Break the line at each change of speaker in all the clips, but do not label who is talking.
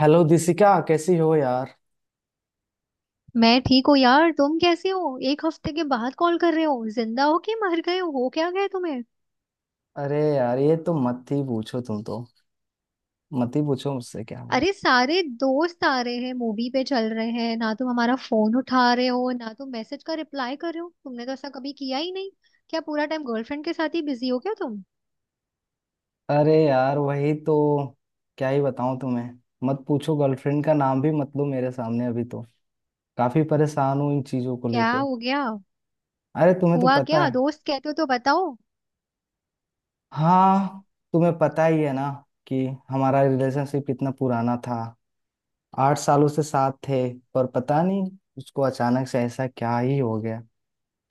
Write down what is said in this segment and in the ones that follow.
Hello Dishika, कैसी हो यार।
मैं ठीक हूँ यार। तुम कैसे हो? एक हफ्ते के बाद कॉल कर रहे हो। जिंदा हो कि मर गए हो? हो क्या गए तुम्हें?
अरे यार, ये तो मत ही पूछो। तुम तो मत ही पूछो मुझसे क्या हुआ।
अरे सारे दोस्त आ रहे हैं, मूवी पे चल रहे हैं ना, तुम हमारा फोन उठा रहे हो, ना तुम मैसेज का रिप्लाई कर रहे हो, तुमने तो ऐसा कभी किया ही नहीं। क्या पूरा टाइम गर्लफ्रेंड के साथ ही बिजी हो क्या तुम?
अरे यार, वही तो क्या ही बताऊं तुम्हें। मत पूछो, गर्लफ्रेंड का नाम भी मत लो मेरे सामने अभी तो। काफी परेशान हूं इन चीजों को
क्या
लेके।
हो गया?
अरे तुम्हें तो
हुआ
पता
क्या?
है।
दोस्त कहते हो तो बताओ।
हाँ, तुम्हें पता ही है ना कि हमारा रिलेशनशिप इतना पुराना था। 8 सालों से साथ थे। पर पता नहीं उसको अचानक से ऐसा क्या ही हो गया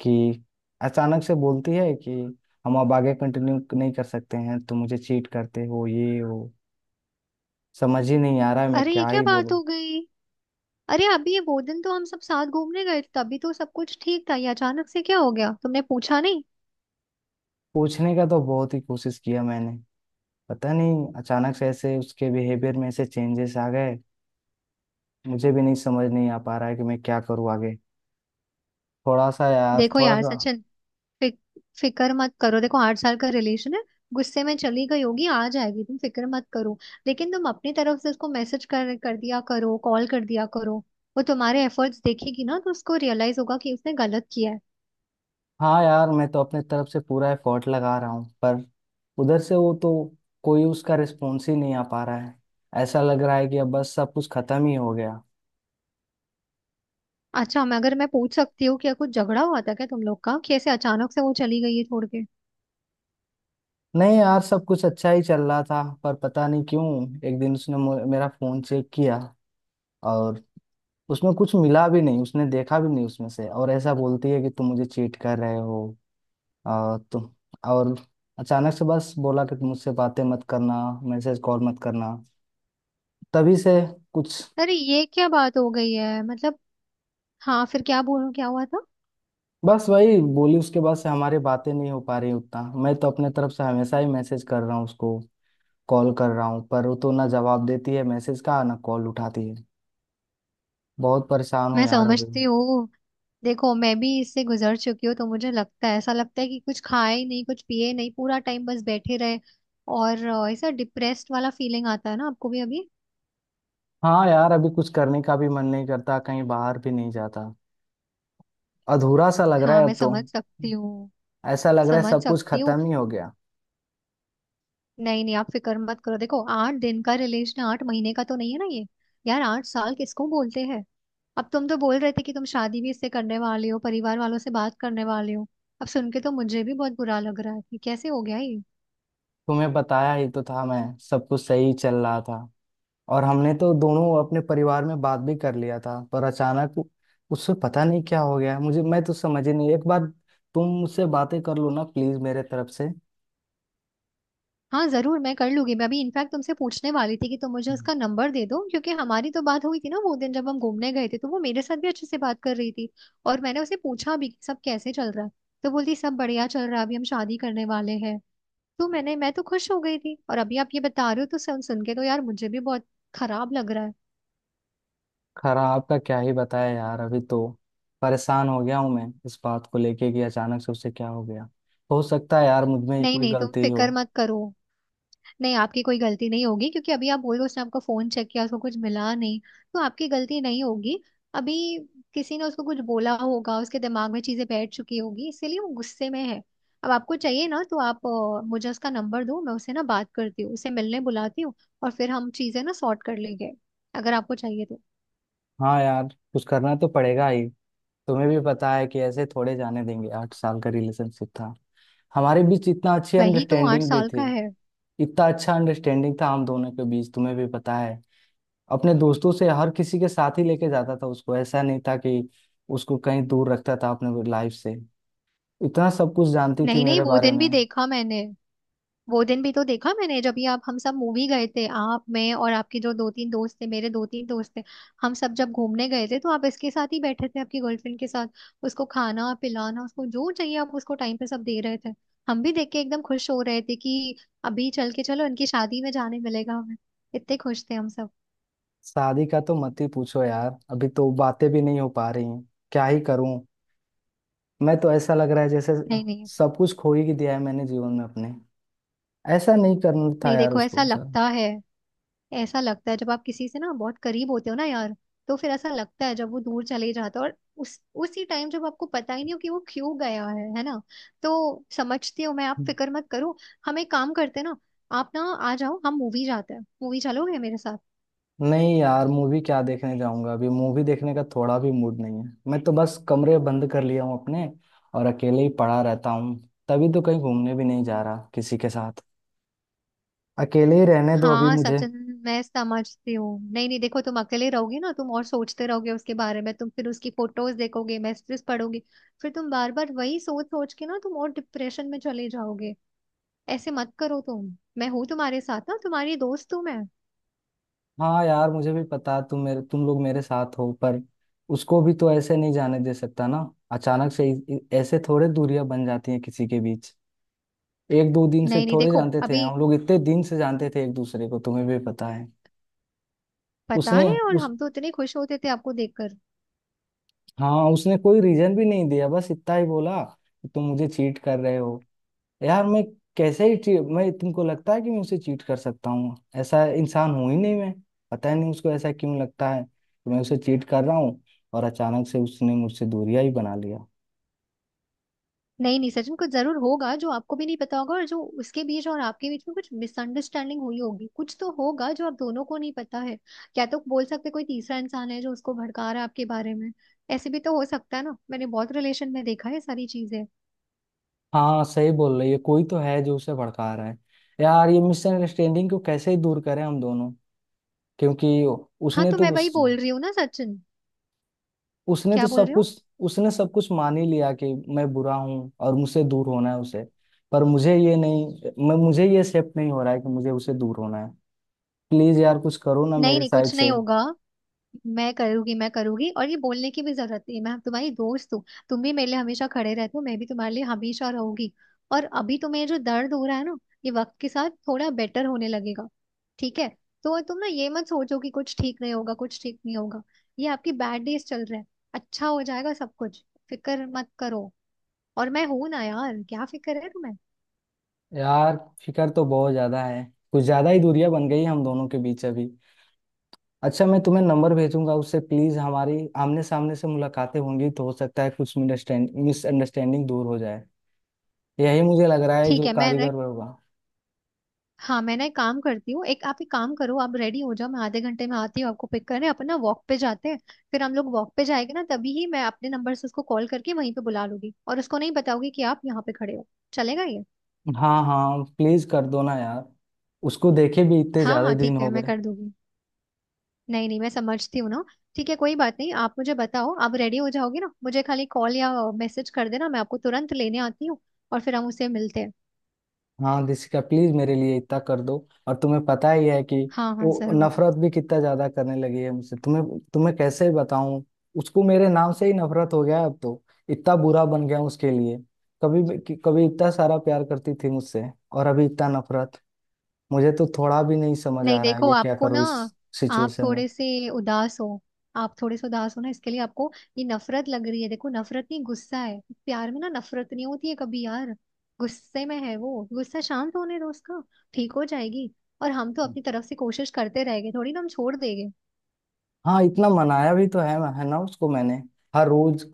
कि अचानक से बोलती है कि हम अब आगे कंटिन्यू नहीं कर सकते हैं। तुम मुझे चीट करते हो, ये हो। समझ ही नहीं आ रहा है मैं
अरे ये
क्या
क्या
ही
बात
बोलूं।
हो गई। अरे अभी वो दिन तो हम सब साथ घूमने गए थे, तभी तो सब कुछ ठीक था। ये अचानक से क्या हो गया? तुमने पूछा नहीं?
पूछने का तो बहुत ही कोशिश किया मैंने। पता नहीं अचानक से ऐसे उसके बिहेवियर में ऐसे चेंजेस आ गए। मुझे भी नहीं समझ नहीं आ पा रहा है कि मैं क्या करूँ आगे। थोड़ा सा यार,
देखो
थोड़ा
यार
सा।
सचिन, फिक, फिक्र मत करो। देखो 8 साल का रिलेशन है, गुस्से में चली गई होगी, आ जाएगी। तुम फिक्र मत करो। लेकिन तुम अपनी तरफ से उसको मैसेज कर कर दिया करो, कॉल कर दिया करो। वो तुम्हारे एफर्ट्स देखेगी ना तो उसको रियलाइज होगा कि उसने गलत किया है।
हाँ यार, मैं तो अपने तरफ से पूरा एफर्ट लगा रहा हूँ, पर उधर से वो तो कोई उसका रिस्पॉन्स ही नहीं आ पा रहा है। ऐसा लग रहा है कि अब बस सब कुछ खत्म ही हो गया।
अच्छा मैं अगर मैं पूछ सकती हूँ, क्या कुछ झगड़ा हुआ था क्या तुम लोग का, कि ऐसे अचानक से वो चली गई है छोड़ के?
नहीं यार, सब कुछ अच्छा ही चल रहा था, पर पता नहीं क्यों एक दिन उसने मेरा फोन चेक किया। और उसमें कुछ मिला भी नहीं, उसने देखा भी नहीं उसमें से, और ऐसा बोलती है कि तुम मुझे चीट कर रहे हो। और तुम और अचानक से बस बोला कि तुम मुझसे बातें मत करना, मैसेज कॉल मत करना। तभी से कुछ
अरे ये क्या बात हो गई है मतलब। हाँ फिर, क्या बोलूं, क्या हुआ था?
बस वही बोली। उसके बाद से हमारी बातें नहीं हो पा रही उतना। मैं तो अपने तरफ से हमेशा ही मैसेज कर रहा हूँ उसको, कॉल कर रहा हूँ, पर वो तो ना जवाब देती है मैसेज का, ना कॉल उठाती है। बहुत परेशान हूँ
मैं
यार अभी।
समझती हूँ। देखो मैं भी इससे गुजर चुकी हूँ, तो मुझे लगता है, ऐसा लगता है कि कुछ खाए ही नहीं, कुछ पिए नहीं, पूरा टाइम बस बैठे रहे। और ऐसा डिप्रेस्ड वाला फीलिंग आता है ना आपको भी अभी।
हाँ यार, अभी कुछ करने का भी मन नहीं करता, कहीं बाहर भी नहीं जाता। अधूरा सा लग रहा
हाँ,
है
मैं
अब तो।
समझ सकती हूँ।
ऐसा लग रहा है
समझ
सब कुछ
सकती हूँ।
खत्म ही हो गया।
नहीं नहीं, आप फिक्र मत करो। देखो 8 दिन का रिलेशन 8 महीने का तो नहीं है ना ये। यार 8 साल किसको बोलते हैं? अब तुम तो बोल रहे थे कि तुम शादी भी इससे करने वाले हो, परिवार वालों से बात करने वाले हो। अब सुन के तो मुझे भी बहुत बुरा लग रहा है कि कैसे हो गया ये।
तुम्हें बताया ही तो था मैं, सब कुछ सही चल रहा था। और हमने तो दोनों अपने परिवार में बात भी कर लिया था, पर अचानक उससे पता नहीं क्या हो गया मुझे। मैं तो समझ ही नहीं। एक बार तुम मुझसे बातें कर लो ना प्लीज मेरे तरफ
हाँ जरूर, मैं कर लूंगी। मैं अभी इनफैक्ट तुमसे पूछने वाली थी कि तुम मुझे
से।
उसका नंबर दे दो, क्योंकि हमारी तो बात हुई थी ना वो दिन, जब हम घूमने गए थे तो वो मेरे साथ भी अच्छे से बात कर रही थी। और मैंने उसे पूछा भी कि सब कैसे चल रहा है, तो बोलती सब बढ़िया चल रहा है, अभी हम शादी करने वाले हैं। मैं तो खुश हो गई थी, और अभी आप ये बता रहे हो तो सुन सुन के तो यार मुझे भी बहुत खराब लग रहा है।
खराब का क्या ही बताया यार, अभी तो परेशान हो गया हूं मैं इस बात को लेके कि अचानक से उसे क्या हो गया। हो सकता है यार मुझ में ही
नहीं
कोई
नहीं, तुम
गलती हो।
फिक्र मत करो। नहीं, आपकी कोई गलती नहीं होगी, क्योंकि अभी आप बोल रहे हो उसने आपका फोन चेक किया, उसको कुछ मिला नहीं, तो आपकी गलती नहीं होगी। अभी किसी ने उसको कुछ बोला होगा, उसके दिमाग में चीजें बैठ चुकी होगी, इसीलिए वो गुस्से में है। अब आपको चाहिए ना तो आप मुझे उसका नंबर दो, मैं उससे ना बात करती हूँ, उसे मिलने बुलाती हूँ, और फिर हम चीजें ना सॉर्ट कर लेंगे, अगर आपको चाहिए तो।
हाँ यार, कुछ करना तो पड़ेगा ही। तुम्हें भी पता है कि ऐसे थोड़े जाने देंगे। 8 साल का रिलेशनशिप था। हमारे बीच इतना अच्छी
वही तो, आठ
अंडरस्टैंडिंग भी
साल का
थी।
है।
इतना अच्छा अंडरस्टैंडिंग था हम दोनों के बीच, तुम्हें भी पता है। अपने दोस्तों से हर किसी के साथ ही लेके जाता था उसको, ऐसा नहीं था कि उसको कहीं दूर रखता था अपने लाइफ से। इतना सब कुछ जानती थी
नहीं नहीं,
मेरे
वो
बारे
दिन
में।
भी देखा मैंने। वो दिन भी तो देखा मैंने जब ये आप, हम सब मूवी गए थे, आप, मैं और आपके जो दो तीन दोस्त थे, मेरे दो तीन दोस्त थे, हम सब जब घूमने गए थे, तो आप इसके साथ ही बैठे थे, आपकी गर्लफ्रेंड के साथ। उसको खाना पिलाना, उसको जो चाहिए आप उसको टाइम पे सब दे रहे थे। हम भी देख के एकदम खुश हो रहे थे कि अभी चल के चलो इनकी शादी में जाने मिलेगा हमें। इतने खुश थे हम सब।
शादी का तो मत ही पूछो यार, अभी तो बातें भी नहीं हो पा रही हैं। क्या ही करूं। मैं तो ऐसा लग रहा है जैसे
नहीं नहीं
सब कुछ खो ही दिया है मैंने जीवन में अपने। ऐसा नहीं करना था
नहीं,
यार
देखो ऐसा
उसको सर।
लगता है, ऐसा लगता है जब आप किसी से ना बहुत करीब होते हो ना यार, तो फिर ऐसा लगता है जब वो दूर चले जाता है, और उस उसी टाइम जब आपको पता ही नहीं हो कि वो क्यों गया है ना। तो समझती हूँ मैं, आप फिक्र मत करो। हम एक काम करते हैं ना, आप ना आ जाओ, हम मूवी जाते हैं। मूवी चलोगे मेरे साथ?
नहीं यार, मूवी क्या देखने जाऊंगा? अभी मूवी देखने का थोड़ा भी मूड नहीं है। मैं तो बस कमरे बंद कर लिया हूँ अपने, और अकेले ही पड़ा रहता हूँ। तभी तो कहीं घूमने भी नहीं जा रहा किसी के साथ। अकेले ही रहने दो अभी
हाँ
मुझे।
सचिन, मैं समझती हूँ। नहीं नहीं, देखो तुम अकेले रहोगे ना तुम, और सोचते रहोगे उसके बारे में, तुम फिर उसकी फोटोज देखोगे, मैसेजेस पढ़ोगे, फिर तुम बार बार वही सोच सोच के ना तुम और डिप्रेशन में चले जाओगे। ऐसे मत करो तुम। मैं हूं तुम्हारे साथ ना, तुम्हारी दोस्त हूं मैं।
हाँ यार, मुझे भी पता, तुम मेरे, तुम लोग मेरे साथ हो, पर उसको भी तो ऐसे नहीं जाने दे सकता ना। अचानक से ऐसे थोड़े दूरियां बन जाती हैं किसी के बीच। एक दो दिन से
नहीं नहीं,
थोड़े
देखो
जानते थे
अभी,
हम लोग, इतने दिन से जानते थे एक दूसरे को, तुम्हें भी पता है।
पता
उसने
है, और
उस
हम तो इतने खुश होते थे आपको देखकर।
हाँ, उसने कोई रीजन भी नहीं दिया, बस इतना ही बोला कि तुम मुझे चीट कर रहे हो। यार मैं कैसे ही मैं, तुमको लगता है कि मैं उसे चीट कर सकता हूँ? ऐसा इंसान हूं ही नहीं मैं। पता ही नहीं उसको ऐसा क्यों लगता है कि मैं उसे चीट कर रहा हूँ। और अचानक से उसने मुझसे दूरियां ही बना लिया।
नहीं नहीं, सच में कुछ जरूर होगा जो आपको भी नहीं पता होगा, और जो उसके बीच और आपके बीच में कुछ मिसअंडरस्टैंडिंग हुई होगी, कुछ तो होगा जो आप दोनों को नहीं पता है। क्या तो बोल सकते, कोई तीसरा इंसान है जो उसको भड़का रहा है आपके बारे में। ऐसे भी तो हो सकता है ना, मैंने बहुत रिलेशन में देखा है सारी चीजें।
हाँ सही बोल रही है, कोई तो है जो उसे भड़का रहा है। यार ये मिसअंडरस्टैंडिंग को कैसे ही दूर करें हम दोनों? क्योंकि
हाँ,
उसने
तो
तो
मैं वही
उस,
बोल रही हूँ ना सचिन।
उसने तो
क्या बोल
सब
रहे हो?
कुछ, उसने सब कुछ मान ही लिया कि मैं बुरा हूँ और मुझसे दूर होना है उसे। पर मुझे ये नहीं, मैं मुझे ये एक्सेप्ट नहीं हो रहा है कि मुझे उसे दूर होना है। प्लीज यार कुछ करो ना
नहीं
मेरे
नहीं,
साइड
कुछ
से।
नहीं होगा। मैं करूंगी, मैं करूंगी, और ये बोलने की भी जरूरत नहीं है, मैं तुम्हारी दोस्त हूँ। तुम भी मेरे लिए हमेशा खड़े रहते हो, मैं भी तुम्हारे लिए हमेशा रहूंगी। और अभी तुम्हें जो दर्द हो रहा है ना, ये वक्त के साथ थोड़ा बेटर होने लगेगा, ठीक है? तो तुम ना ये मत सोचो कि कुछ ठीक नहीं होगा, कुछ ठीक नहीं होगा। ये आपकी बैड डेज चल रहे हैं, अच्छा हो जाएगा सब कुछ। फिक्र मत करो, और मैं हूं ना यार, क्या फिक्र है तुम्हें?
यार, फिकर तो बहुत ज्यादा है। कुछ ज्यादा ही दूरियां बन गई हम दोनों के बीच अभी। अच्छा, मैं तुम्हें नंबर भेजूंगा उससे, प्लीज हमारी आमने सामने से मुलाकातें होंगी तो हो सकता है कुछ मिसअंडरस्टैंडिंग दूर हो जाए। यही मुझे लग रहा है
ठीक
जो
है। मैं,
कारीगर होगा।
हाँ मैं ना एक काम करती हूँ, एक आप एक काम करो, आप रेडी हो जाओ, मैं आधे घंटे में आती हूँ आपको पिक करने, अपन ना वॉक पे जाते हैं। फिर हम लोग वॉक पे जाएंगे ना, तभी ही मैं अपने नंबर से उसको कॉल करके वहीं पे बुला लूंगी, और उसको नहीं बताऊंगी कि आप यहाँ पे खड़े हो। चलेगा ये?
हाँ हाँ, प्लीज कर दो ना यार। उसको देखे भी इतने
हाँ
ज्यादा
हाँ
दिन
ठीक
हो
है, मैं
गए।
कर दूंगी। नहीं नहीं, मैं समझती हूँ ना। ठीक है, कोई बात नहीं, आप मुझे बताओ, आप रेडी हो जाओगे ना, मुझे खाली कॉल या मैसेज कर देना, मैं आपको तुरंत लेने आती हूँ, और फिर हम उसे मिलते हैं।
हाँ दिसिका, प्लीज मेरे लिए इतना कर दो। और तुम्हें पता ही है कि
हाँ हाँ
वो
जरूर।
नफरत भी कितना ज्यादा करने लगी है मुझसे, तुम्हें तुम्हें कैसे बताऊं। उसको मेरे नाम से ही नफरत हो गया है अब तो। इतना बुरा बन गया हूं उसके लिए। कभी भी- कि- कभी इतना सारा प्यार करती थी मुझसे, और अभी इतना नफरत। मुझे तो थोड़ा भी नहीं समझ
नहीं
आ रहा है
देखो,
ये क्या
आपको ना,
करूं इस
आप
सिचुएशन में।
थोड़े से उदास हो। आप थोड़े से उदास हो ना, इसके लिए आपको ये नफरत लग रही है। देखो नफरत नहीं, गुस्सा है। प्यार में ना नफरत नहीं होती है कभी यार। गुस्से में है वो, गुस्सा शांत होने दो उसका। ठीक हो जाएगी। और हम तो अपनी तरफ से कोशिश करते रहेंगे, थोड़ी ना हम छोड़ देंगे।
हाँ, इतना मनाया भी तो है ना उसको मैंने। हर रोज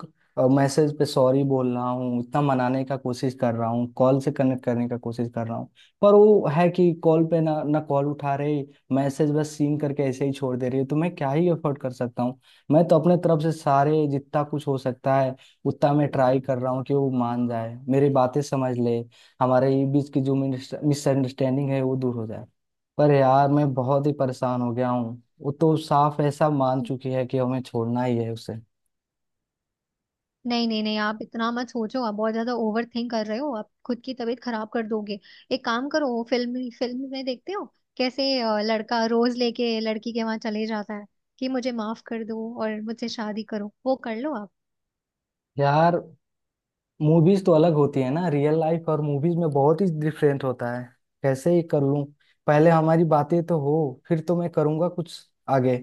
मैसेज पे सॉरी बोल रहा हूँ, इतना मनाने का कोशिश कर रहा हूँ, कॉल से कनेक्ट करने का कोशिश कर रहा हूँ, पर वो है कि कॉल पे ना ना कॉल उठा रही, मैसेज बस सीन करके ऐसे ही छोड़ दे रही है, तो मैं क्या ही एफर्ट कर सकता हूँ? मैं तो अपने तरफ से सारे जितना कुछ हो सकता है उतना मैं ट्राई कर रहा हूँ कि वो मान जाए, मेरी बातें समझ ले, हमारे बीच की जो मिसअंडरस्टैंडिंग है वो दूर हो जाए। पर यार मैं बहुत ही परेशान हो गया हूँ, वो तो साफ ऐसा मान चुकी है कि हमें छोड़ना ही है उसे।
नहीं नहीं नहीं, आप इतना मत सोचो, आप बहुत ज्यादा ओवर थिंक कर रहे हो, आप खुद की तबीयत खराब कर दोगे। एक काम करो, वो फिल्म, फिल्म में देखते हो कैसे लड़का रोज लेके लड़की के वहां चले जाता है कि मुझे माफ कर दो और मुझसे शादी करो, वो कर लो आप।
यार मूवीज तो अलग होती है ना, रियल लाइफ और मूवीज में बहुत ही डिफरेंट होता है। कैसे ही कर लूं? पहले हमारी बातें तो हो, फिर तो मैं करूंगा कुछ आगे।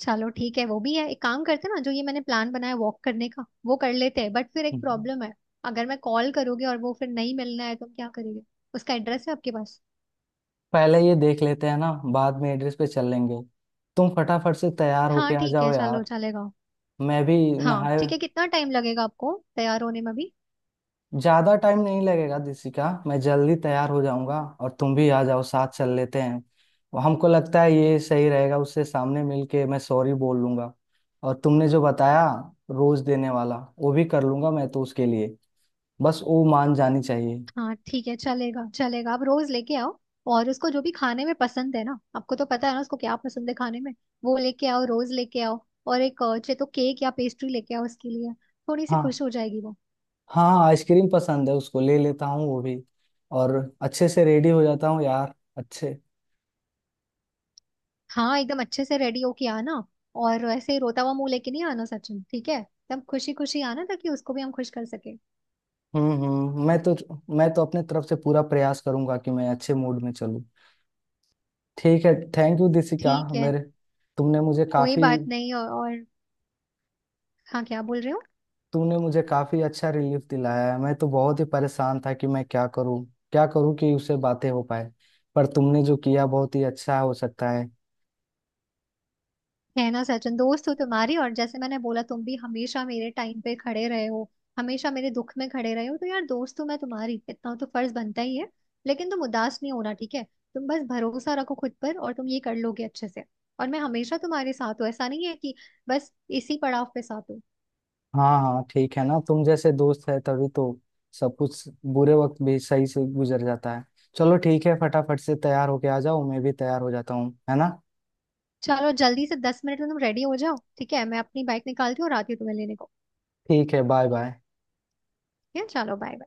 चलो ठीक है, वो भी है, एक काम करते हैं ना, जो ये मैंने प्लान बनाया वॉक करने का वो कर लेते हैं, बट फिर एक
हम्म।
प्रॉब्लम है। अगर मैं कॉल करोगे और वो फिर नहीं मिलना है तो हम क्या करेंगे? उसका एड्रेस है आपके पास?
पहले ये देख लेते हैं ना, बाद में एड्रेस पे चल लेंगे। तुम फटाफट से तैयार होके
हाँ
आ
ठीक
जाओ
है, चलो
यार,
चलेगा।
मैं भी
हाँ
नहाए।
ठीक है, कितना टाइम लगेगा आपको तैयार होने में भी?
ज्यादा टाइम नहीं लगेगा दिसिका, मैं जल्दी तैयार हो जाऊंगा और तुम भी आ जाओ, साथ चल लेते हैं। हमको लगता है ये सही रहेगा, उससे सामने मिलके मैं सॉरी बोल लूंगा। और तुमने जो बताया, रोज देने वाला, वो भी कर लूंगा मैं तो उसके लिए। बस वो मान जानी चाहिए।
हाँ ठीक है, चलेगा चलेगा, आप रोज लेके आओ। और उसको जो भी खाने में पसंद है ना, आपको तो पता है ना उसको क्या पसंद है खाने में, वो लेके आओ, रोज लेके आओ। और एक चाहे तो केक या पेस्ट्री लेके आओ उसके लिए, थोड़ी सी
हाँ,
खुश हो जाएगी वो।
हाँ आइसक्रीम पसंद है उसको, ले लेता हूँ वो भी। और अच्छे से रेडी हो जाता हूँ यार, अच्छे।
हाँ एकदम अच्छे से रेडी होके आना, और ऐसे ही रोता हुआ मुंह लेके नहीं आना सचिन, ठीक है? एकदम खुशी खुशी आना ताकि उसको भी हम खुश कर सके।
हम्म, हम्म। मैं तो अपने तरफ से पूरा प्रयास करूंगा कि मैं अच्छे मूड में चलूँ। ठीक है, थैंक यू दिसिका।
ठीक है,
मेरे तुमने मुझे
कोई
काफी
बात नहीं। और हाँ, क्या बोल रहे हो?
तुमने मुझे काफी अच्छा रिलीफ दिलाया है। मैं तो बहुत ही परेशान था कि मैं क्या करूं, क्या करूं कि उससे बातें हो पाए, पर तुमने जो किया बहुत ही अच्छा हो सकता है।
है ना सचिन, दोस्त हो तुम्हारी, और जैसे मैंने बोला, तुम भी हमेशा मेरे टाइम पे खड़े रहे हो, हमेशा मेरे दुख में खड़े रहे हो, तो यार दोस्त हूं मैं तुम्हारी, इतना तो फर्ज बनता ही है। लेकिन तुम उदास नहीं होना, ठीक है? तुम बस भरोसा रखो खुद पर, और तुम ये कर लोगे अच्छे से। और मैं हमेशा तुम्हारे साथ हूँ, ऐसा नहीं है कि बस इसी पड़ाव पे साथ हूँ।
हाँ हाँ, ठीक है ना, तुम जैसे दोस्त है तभी तो सब कुछ, बुरे वक्त भी सही से गुजर जाता है। चलो ठीक है, फटाफट से तैयार होके आ जाओ, मैं भी तैयार हो जाता हूँ, है ना।
चलो जल्दी से 10 मिनट में तुम रेडी हो जाओ, ठीक है? मैं अपनी बाइक निकालती हूँ और आती हूँ तुम्हें लेने को।
ठीक है, बाय बाय।
ठीक है, चलो बाय।